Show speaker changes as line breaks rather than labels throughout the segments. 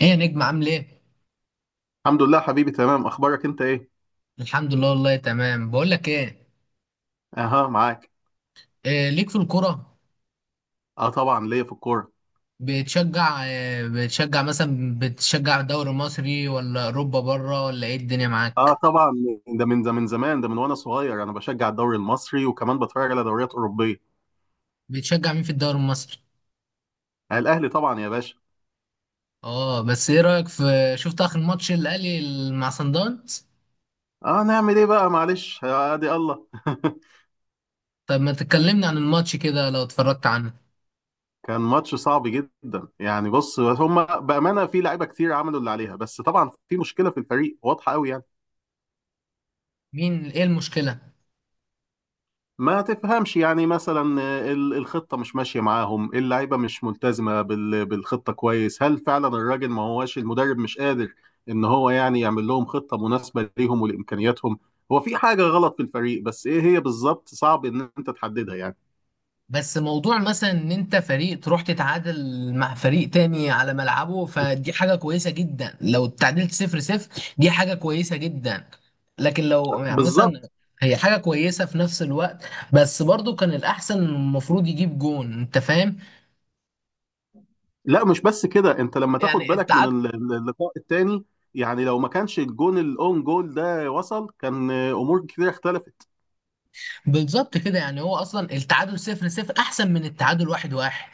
ايه يا نجم عامل ايه؟
الحمد لله حبيبي، تمام. اخبارك انت ايه؟
الحمد لله والله تمام. بقول لك ايه،
اها، معاك.
إيه ليك في الكرة؟
اه طبعا، ليا في الكوره.
بتشجع مثلا، بتشجع الدوري المصري ولا اوروبا بره ولا ايه الدنيا
اه
معاك؟
طبعا. ده من زمان، ده من وانا صغير انا بشجع الدوري المصري وكمان بتفرج على دوريات اوروبيه.
بتشجع مين في الدوري المصري؟
آه، الاهلي طبعا يا باشا.
اه، بس ايه رأيك في، شفت اخر ماتش الاهلي مع صن داونز؟
اه، نعمل ايه بقى؟ معلش، ادي الله.
طب ما تكلمني عن الماتش كده لو اتفرجت عنه.
كان ماتش صعب جدا يعني. بص، هم بامانه في لعيبه كتير، عملوا اللي عليها. بس طبعا في مشكله في الفريق واضحه قوي يعني.
ايه المشكلة؟
ما تفهمش يعني. مثلا، الخطة مش ماشية معاهم، اللعيبة مش ملتزمة بالخطة كويس. هل فعلا الراجل ما هواش المدرب، مش قادر ان هو يعني يعمل لهم خطة مناسبة ليهم ولإمكانياتهم. هو في حاجة غلط في الفريق، بس ايه هي بالظبط صعب ان انت تحددها يعني.
بس موضوع مثلا ان انت فريق تروح تتعادل مع فريق تاني على ملعبه، فدي حاجة كويسة جدا لو اتعادلت 0-0، دي حاجة كويسة جدا. لكن لو يعني مثلا،
بالظبط.
هي حاجة كويسة في نفس الوقت، بس برضو كان الأحسن المفروض يجيب جون، أنت فاهم؟
لا، مش بس كده. انت لما تاخد
يعني
بالك من
التعادل.
اللقاء التاني، يعني لو ما كانش الجون الاون جول ده وصل، كان امور كتير اختلفت.
بالظبط كده، يعني هو أصلا التعادل 0-0 أحسن من التعادل 1-1.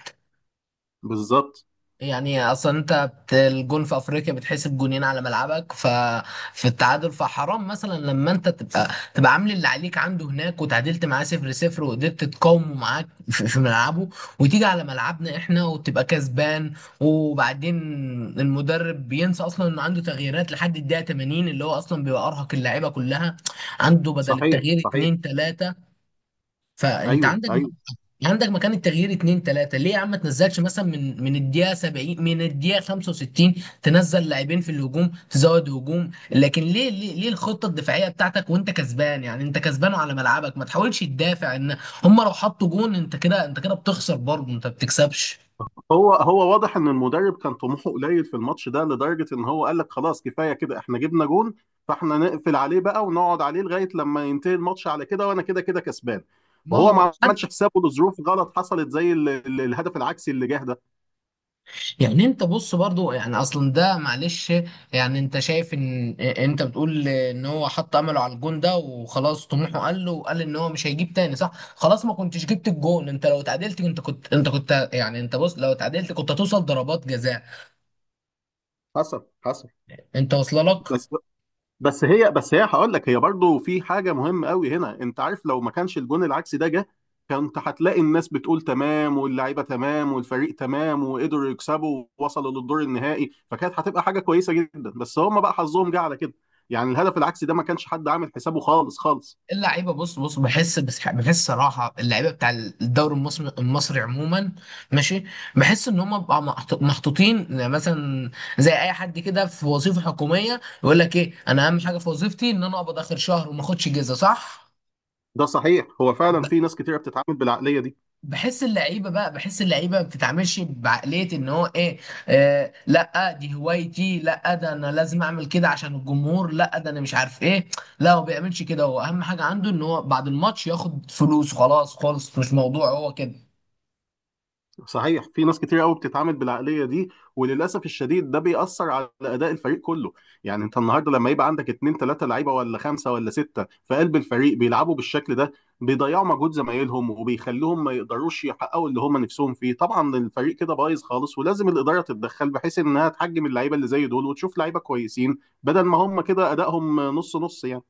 بالظبط.
يعني اصلا الجون في افريقيا بتحسب جونين على ملعبك، ففي التعادل، فحرام مثلا لما انت تبقى عامل اللي عليك عنده هناك وتعادلت معاه 0-0، وقدرت تقاومه معاك في ملعبه، وتيجي على ملعبنا احنا وتبقى كسبان. وبعدين، المدرب بينسى اصلا انه عنده تغييرات لحد الدقيقة 80 اللي هو اصلا بيبقى ارهق اللعيبة كلها. عنده بدل
صحيح،
التغيير
صحيح.
اتنين تلاتة، فانت
ايوه،
عندك،
ايوه.
عندك مكان التغيير اتنين تلاتة، ليه يا عم ما تنزلش مثلا من الدقيقة 70، من الدقيقة 65. تنزل لاعبين في الهجوم، تزود هجوم، لكن ليه ليه ليه الخطة الدفاعية بتاعتك وانت كسبان؟ يعني انت كسبان على ملعبك، ما تحاولش تدافع ان هم لو حطوا جون، انت كده بتخسر برضه، انت ما بتكسبش.
هو واضح ان المدرب كان طموحه قليل في الماتش ده، لدرجه ان هو قال لك خلاص كفايه كده، احنا جبنا جون. فاحنا نقفل عليه بقى ونقعد عليه لغايه لما ينتهي الماتش على كده، وانا كده كده كسبان.
ما
وهو
هو،
ما عملش حسابه لظروف غلط حصلت، زي الهدف العكسي اللي جه ده.
يعني انت بص برضو، يعني اصلا ده معلش. يعني انت شايف ان انت بتقول ان هو حط امله على الجون ده وخلاص طموحه قل له، وقال ان هو مش هيجيب تاني، صح، خلاص ما كنتش جبت الجون. انت لو اتعادلت، انت كنت يعني انت بص لو اتعادلت كنت هتوصل ضربات جزاء.
حصل، حصل.
انت واصله لك.
بس بس هي هقول لك هي برضو في حاجه مهمه قوي هنا. انت عارف لو ما كانش الجون العكسي ده جه، كنت هتلاقي الناس بتقول تمام، واللعيبه تمام، والفريق تمام، وقدروا يكسبوا ووصلوا للدور النهائي، فكانت هتبقى حاجه كويسه جدا. بس هم بقى حظهم جه على كده. يعني الهدف العكسي ده، ما كانش حد عامل حسابه خالص خالص.
اللعيبه بص بص، بحس بس بحس صراحه، اللعيبه بتاع الدوري المصري، المصري عموما، ماشي، بحس ان هم بقى محطوطين مثلا زي اي حد كده في وظيفه حكوميه، يقول لك ايه، انا اهم حاجه في وظيفتي ان انا اقبض اخر شهر وما اخدش جزء صح.
ده صحيح، هو فعلا في ناس كتيره بتتعامل بالعقليه دي.
بحس اللعيبه ما بتتعاملش بعقليه ان هو ايه. آه لا، دي هوايتي، لا ده انا لازم اعمل كده عشان الجمهور، لا ده انا مش عارف ايه. لا هو بيعملش كده، هو اهم حاجه عنده ان هو بعد الماتش ياخد فلوس، خلاص خالص مش موضوع هو كده.
صحيح، في ناس كتير قوي بتتعامل بالعقليه دي. وللاسف الشديد، ده بيأثر على اداء الفريق كله. يعني انت النهارده لما يبقى عندك اتنين تلاته لعيبه ولا خمسه ولا سته في قلب الفريق بيلعبوا بالشكل ده، بيضيعوا مجهود زمايلهم وبيخلوهم ما يقدروش يحققوا اللي هم نفسهم فيه. طبعا الفريق كده بايظ خالص، ولازم الاداره تتدخل بحيث انها تحجم اللعيبه اللي زي دول وتشوف لعيبه كويسين بدل ما هم كده ادائهم نص نص يعني.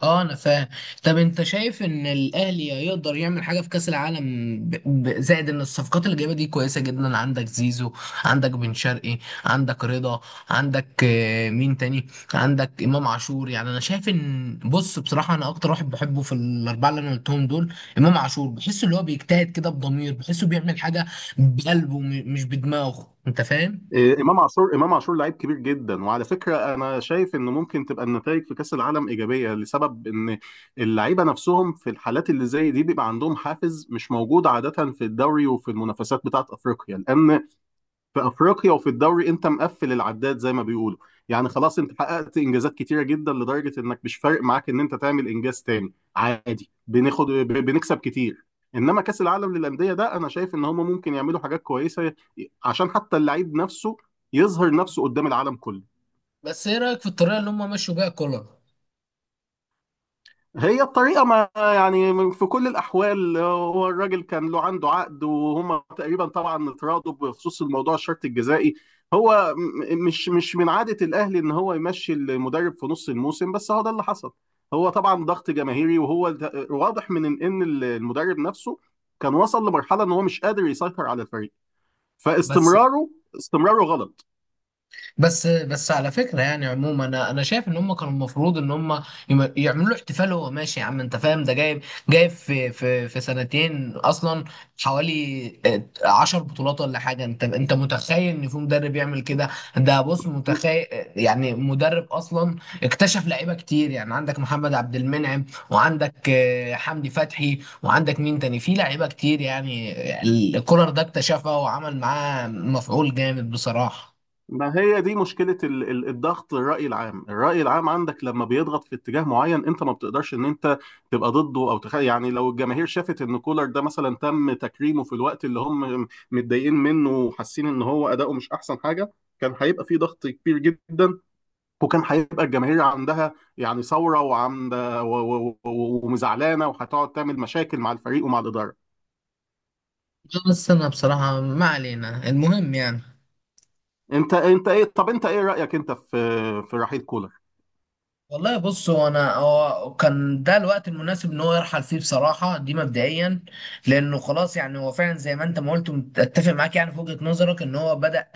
اه انا فاهم. طب انت شايف ان الاهلي يقدر يعمل حاجه في كاس العالم؟ زائد ان الصفقات اللي جايبه دي كويسه جدا، عندك زيزو، عندك بن شرقي، عندك رضا، عندك مين تاني، عندك امام عاشور. يعني انا شايف ان، بص بصراحه، انا اكتر واحد بحبه في الاربعه اللي انا قلتهم دول امام عاشور، بحسه اللي هو بيجتهد كده بضمير، بحسه بيعمل حاجه بقلبه مش بدماغه، انت فاهم.
إيه، امام عاشور لعيب كبير جدا. وعلى فكره، انا شايف انه ممكن تبقى النتائج في كاس العالم ايجابيه، لسبب ان اللعيبه نفسهم في الحالات اللي زي دي بيبقى عندهم حافز مش موجود عاده في الدوري وفي المنافسات بتاعه افريقيا، لان في افريقيا وفي الدوري انت مقفل العداد زي ما بيقولوا. يعني خلاص، انت حققت انجازات كتيره جدا لدرجه انك مش فارق معاك ان انت تعمل انجاز تاني عادي، بنكسب كتير. انما كاس العالم للانديه ده، انا شايف ان هم ممكن يعملوا حاجات كويسه، عشان حتى اللعيب نفسه يظهر نفسه قدام العالم كله.
بس ايه رايك في الطريقه اللي هم مشوا بيها كولر؟
هي الطريقة، ما يعني في كل الأحوال هو الراجل كان له عنده عقد، وهما تقريبا طبعا اتراضوا بخصوص الموضوع، الشرط الجزائي. هو مش من عادة الأهلي إن هو يمشي المدرب في نص الموسم، بس هو ده اللي حصل. هو طبعا ضغط جماهيري، وهو واضح من إن المدرب نفسه كان وصل لمرحلة إن هو مش قادر يسيطر على الفريق.
بس
فاستمراره استمراره غلط.
بس بس على فكره يعني عموما، انا شايف ان هم كانوا المفروض ان هم يعملوا له احتفال وهو ماشي يا عم، انت فاهم، ده جايب في سنتين اصلا، حوالي 10 بطولات ولا حاجه. انت انت متخيل ان في مدرب يعمل كده؟ ده بص متخيل، يعني مدرب اصلا اكتشف لعيبه كتير، يعني عندك محمد عبد المنعم، وعندك حمدي فتحي، وعندك مين تاني في لعيبه كتير يعني. الكولر ده اكتشفها وعمل معاه مفعول جامد بصراحه.
ما هي دي مشكلة الضغط، الرأي العام. الرأي العام عندك لما بيضغط في اتجاه معين، انت ما بتقدرش ان انت تبقى ضده او يعني لو الجماهير شافت ان كولر ده مثلا تم تكريمه في الوقت اللي هم متضايقين منه وحاسين ان هو اداؤه مش احسن حاجة، كان هيبقى في ضغط كبير جدا. وكان هيبقى الجماهير عندها يعني ثورة وعمدة ومزعلانة، وهتقعد تعمل مشاكل مع الفريق ومع الإدارة.
بس انا بصراحة، ما علينا، المهم يعني.
انت انت ايه طب، انت ايه رأيك انت في في رحيل كولر؟
والله بص، هو كان ده الوقت المناسب ان هو يرحل فيه بصراحه دي، مبدئيا لانه خلاص، يعني هو فعلا زي ما انت ما قلت، اتفق معاك يعني في وجهه نظرك ان هو بدا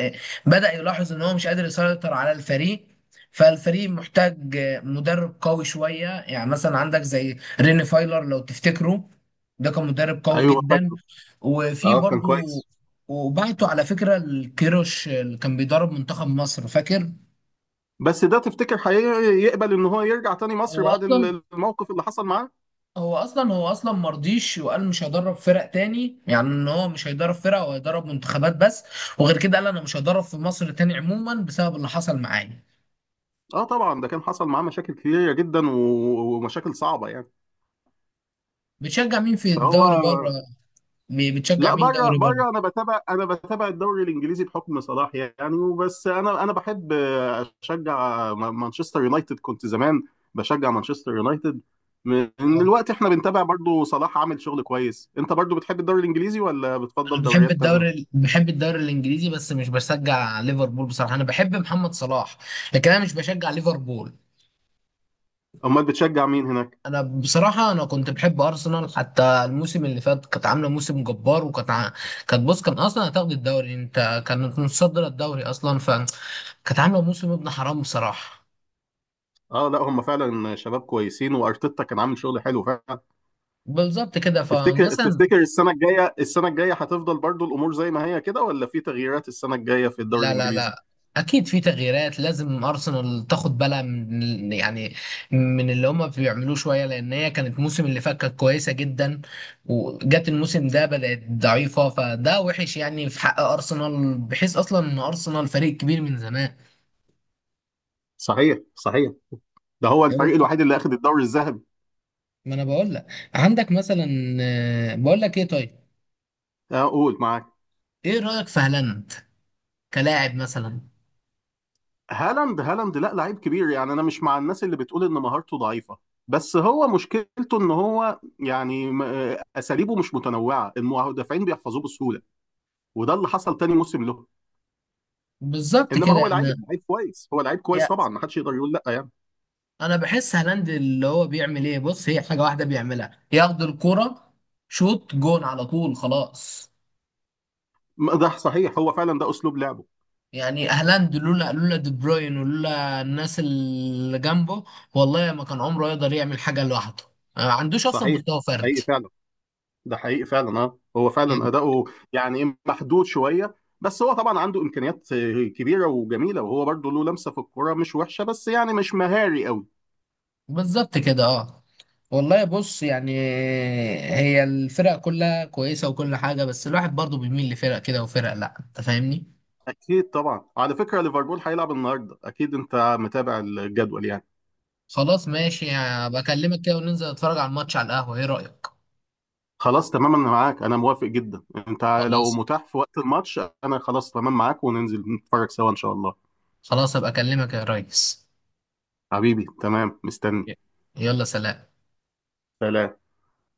بدا يلاحظ ان هو مش قادر يسيطر على الفريق. فالفريق محتاج مدرب قوي شويه، يعني مثلا عندك زي ريني فايلر لو تفتكره، ده كان مدرب قوي
ايوه،
جدا.
فاكره.
وفي
اه كان
برضو،
كويس.
وبعته على فكره الكيروش اللي كان بيدرب منتخب مصر، فاكر؟
بس ده تفتكر هيقبل ان هو يرجع تاني مصر
هو
بعد
اصلا
الموقف اللي حصل معاه؟
هو اصلا مرضيش وقال مش هيدرب فرق تاني، يعني ان هو مش هيدرب فرق، هو هيدرب منتخبات بس. وغير كده قال انا مش هدرب في مصر تاني عموما بسبب اللي حصل معايا.
اه طبعا، ده كان حصل معاه مشاكل كتيرة جدا ومشاكل صعبة يعني.
بتشجع مين في
فهو.
الدوري بره؟ بتشجع
لا،
مين
بره
دوري بره؟
بره انا بتابع، الدوري الانجليزي بحكم صلاح يعني. وبس، انا بحب اشجع مانشستر يونايتد. كنت زمان بشجع مانشستر يونايتد من
اه،
الوقت. احنا بنتابع برضو، صلاح عامل شغل كويس. انت برضو بتحب الدوري الانجليزي ولا
انا
بتفضل دوريات تانية؟
بحب الدوري الانجليزي بس مش بشجع ليفربول بصراحه، انا بحب محمد صلاح، لكن انا مش بشجع ليفربول.
امال بتشجع مين هناك؟
انا بصراحه، انا كنت بحب ارسنال، حتى الموسم اللي فات كانت عامله موسم جبار، وكانت كانت بص، كان اصلا هتاخد الدوري، انت كانت متصدره الدوري اصلا، فكانت عامله موسم ابن حرام بصراحه.
اه لا، هم فعلا شباب كويسين، وارتيتا كان عامل شغل حلو فعلا.
بالظبط كده،
تفتكر
فمثلا،
تفتكر السنه الجايه هتفضل برضو الامور زي ما هي كده، ولا في تغييرات السنه الجايه في الدوري
لا لا
الانجليزي؟
لا، اكيد في تغييرات، لازم ارسنال تاخد بالها من، يعني من اللي هما بيعملوه شويه، لان هي كانت الموسم اللي فات كانت كويسه جدا، وجت الموسم ده بدات ضعيفه، فده وحش يعني في حق ارسنال بحيث اصلا ان ارسنال فريق كبير من زمان.
صحيح، صحيح. ده هو
أيوة.
الفريق الوحيد اللي اخذ الدوري الذهبي.
ما انا بقول لك، عندك مثلا، بقول لك ايه طيب،
قول معاك.
ايه رايك في هالاند كلاعب مثلا؟
هالاند، لا، لعيب كبير يعني. انا مش مع الناس اللي بتقول ان مهارته ضعيفه، بس هو مشكلته ان هو يعني اساليبه مش متنوعه، المدافعين بيحفظوه بسهوله، وده اللي حصل تاني موسم له.
بالظبط
انما
كده.
هو لعيب
انا
لعيب كويس، هو لعيب كويس طبعا، ما حدش يقدر يقول لا يعني.
انا بحس هالاند اللي هو بيعمل ايه، بص هي حاجه واحده بيعملها، ياخد الكرة، شوط جون على طول، خلاص.
ما ده صحيح، هو فعلا ده اسلوب لعبه.
يعني هالاند لولا دي بروين ولولا الناس اللي جنبه، والله ما كان عمره يقدر يعمل حاجه لوحده. ما عندوش اصلا
صحيح.
مستوى فردي
حقيقي فعلا. ده حقيقي فعلا. اه، هو فعلا
يعني.
اداؤه يعني إيه، محدود شويه. بس هو طبعا عنده امكانيات كبيره وجميله، وهو برضه له لمسه في الكوره مش وحشه، بس يعني مش مهاري قوي.
بالظبط كده، اه، والله بص يعني هي الفرق كلها كويسه وكل حاجه، بس الواحد برضه بيميل لفرق كده وفرق لا، انت فاهمني.
اكيد طبعا. على فكره، ليفربول هيلعب النهارده، اكيد انت متابع الجدول يعني.
خلاص ماشي، بكلمك كده وننزل نتفرج على الماتش على القهوه، ايه رايك؟
خلاص تمام، انا معاك. انا موافق جدا. انت، لو
خلاص،
متاح في وقت الماتش، انا خلاص تمام معاك وننزل نتفرج سوا ان شاء الله.
خلاص ابقى اكلمك يا ريس.
حبيبي تمام، مستني.
ي- يلا سلام.
سلام.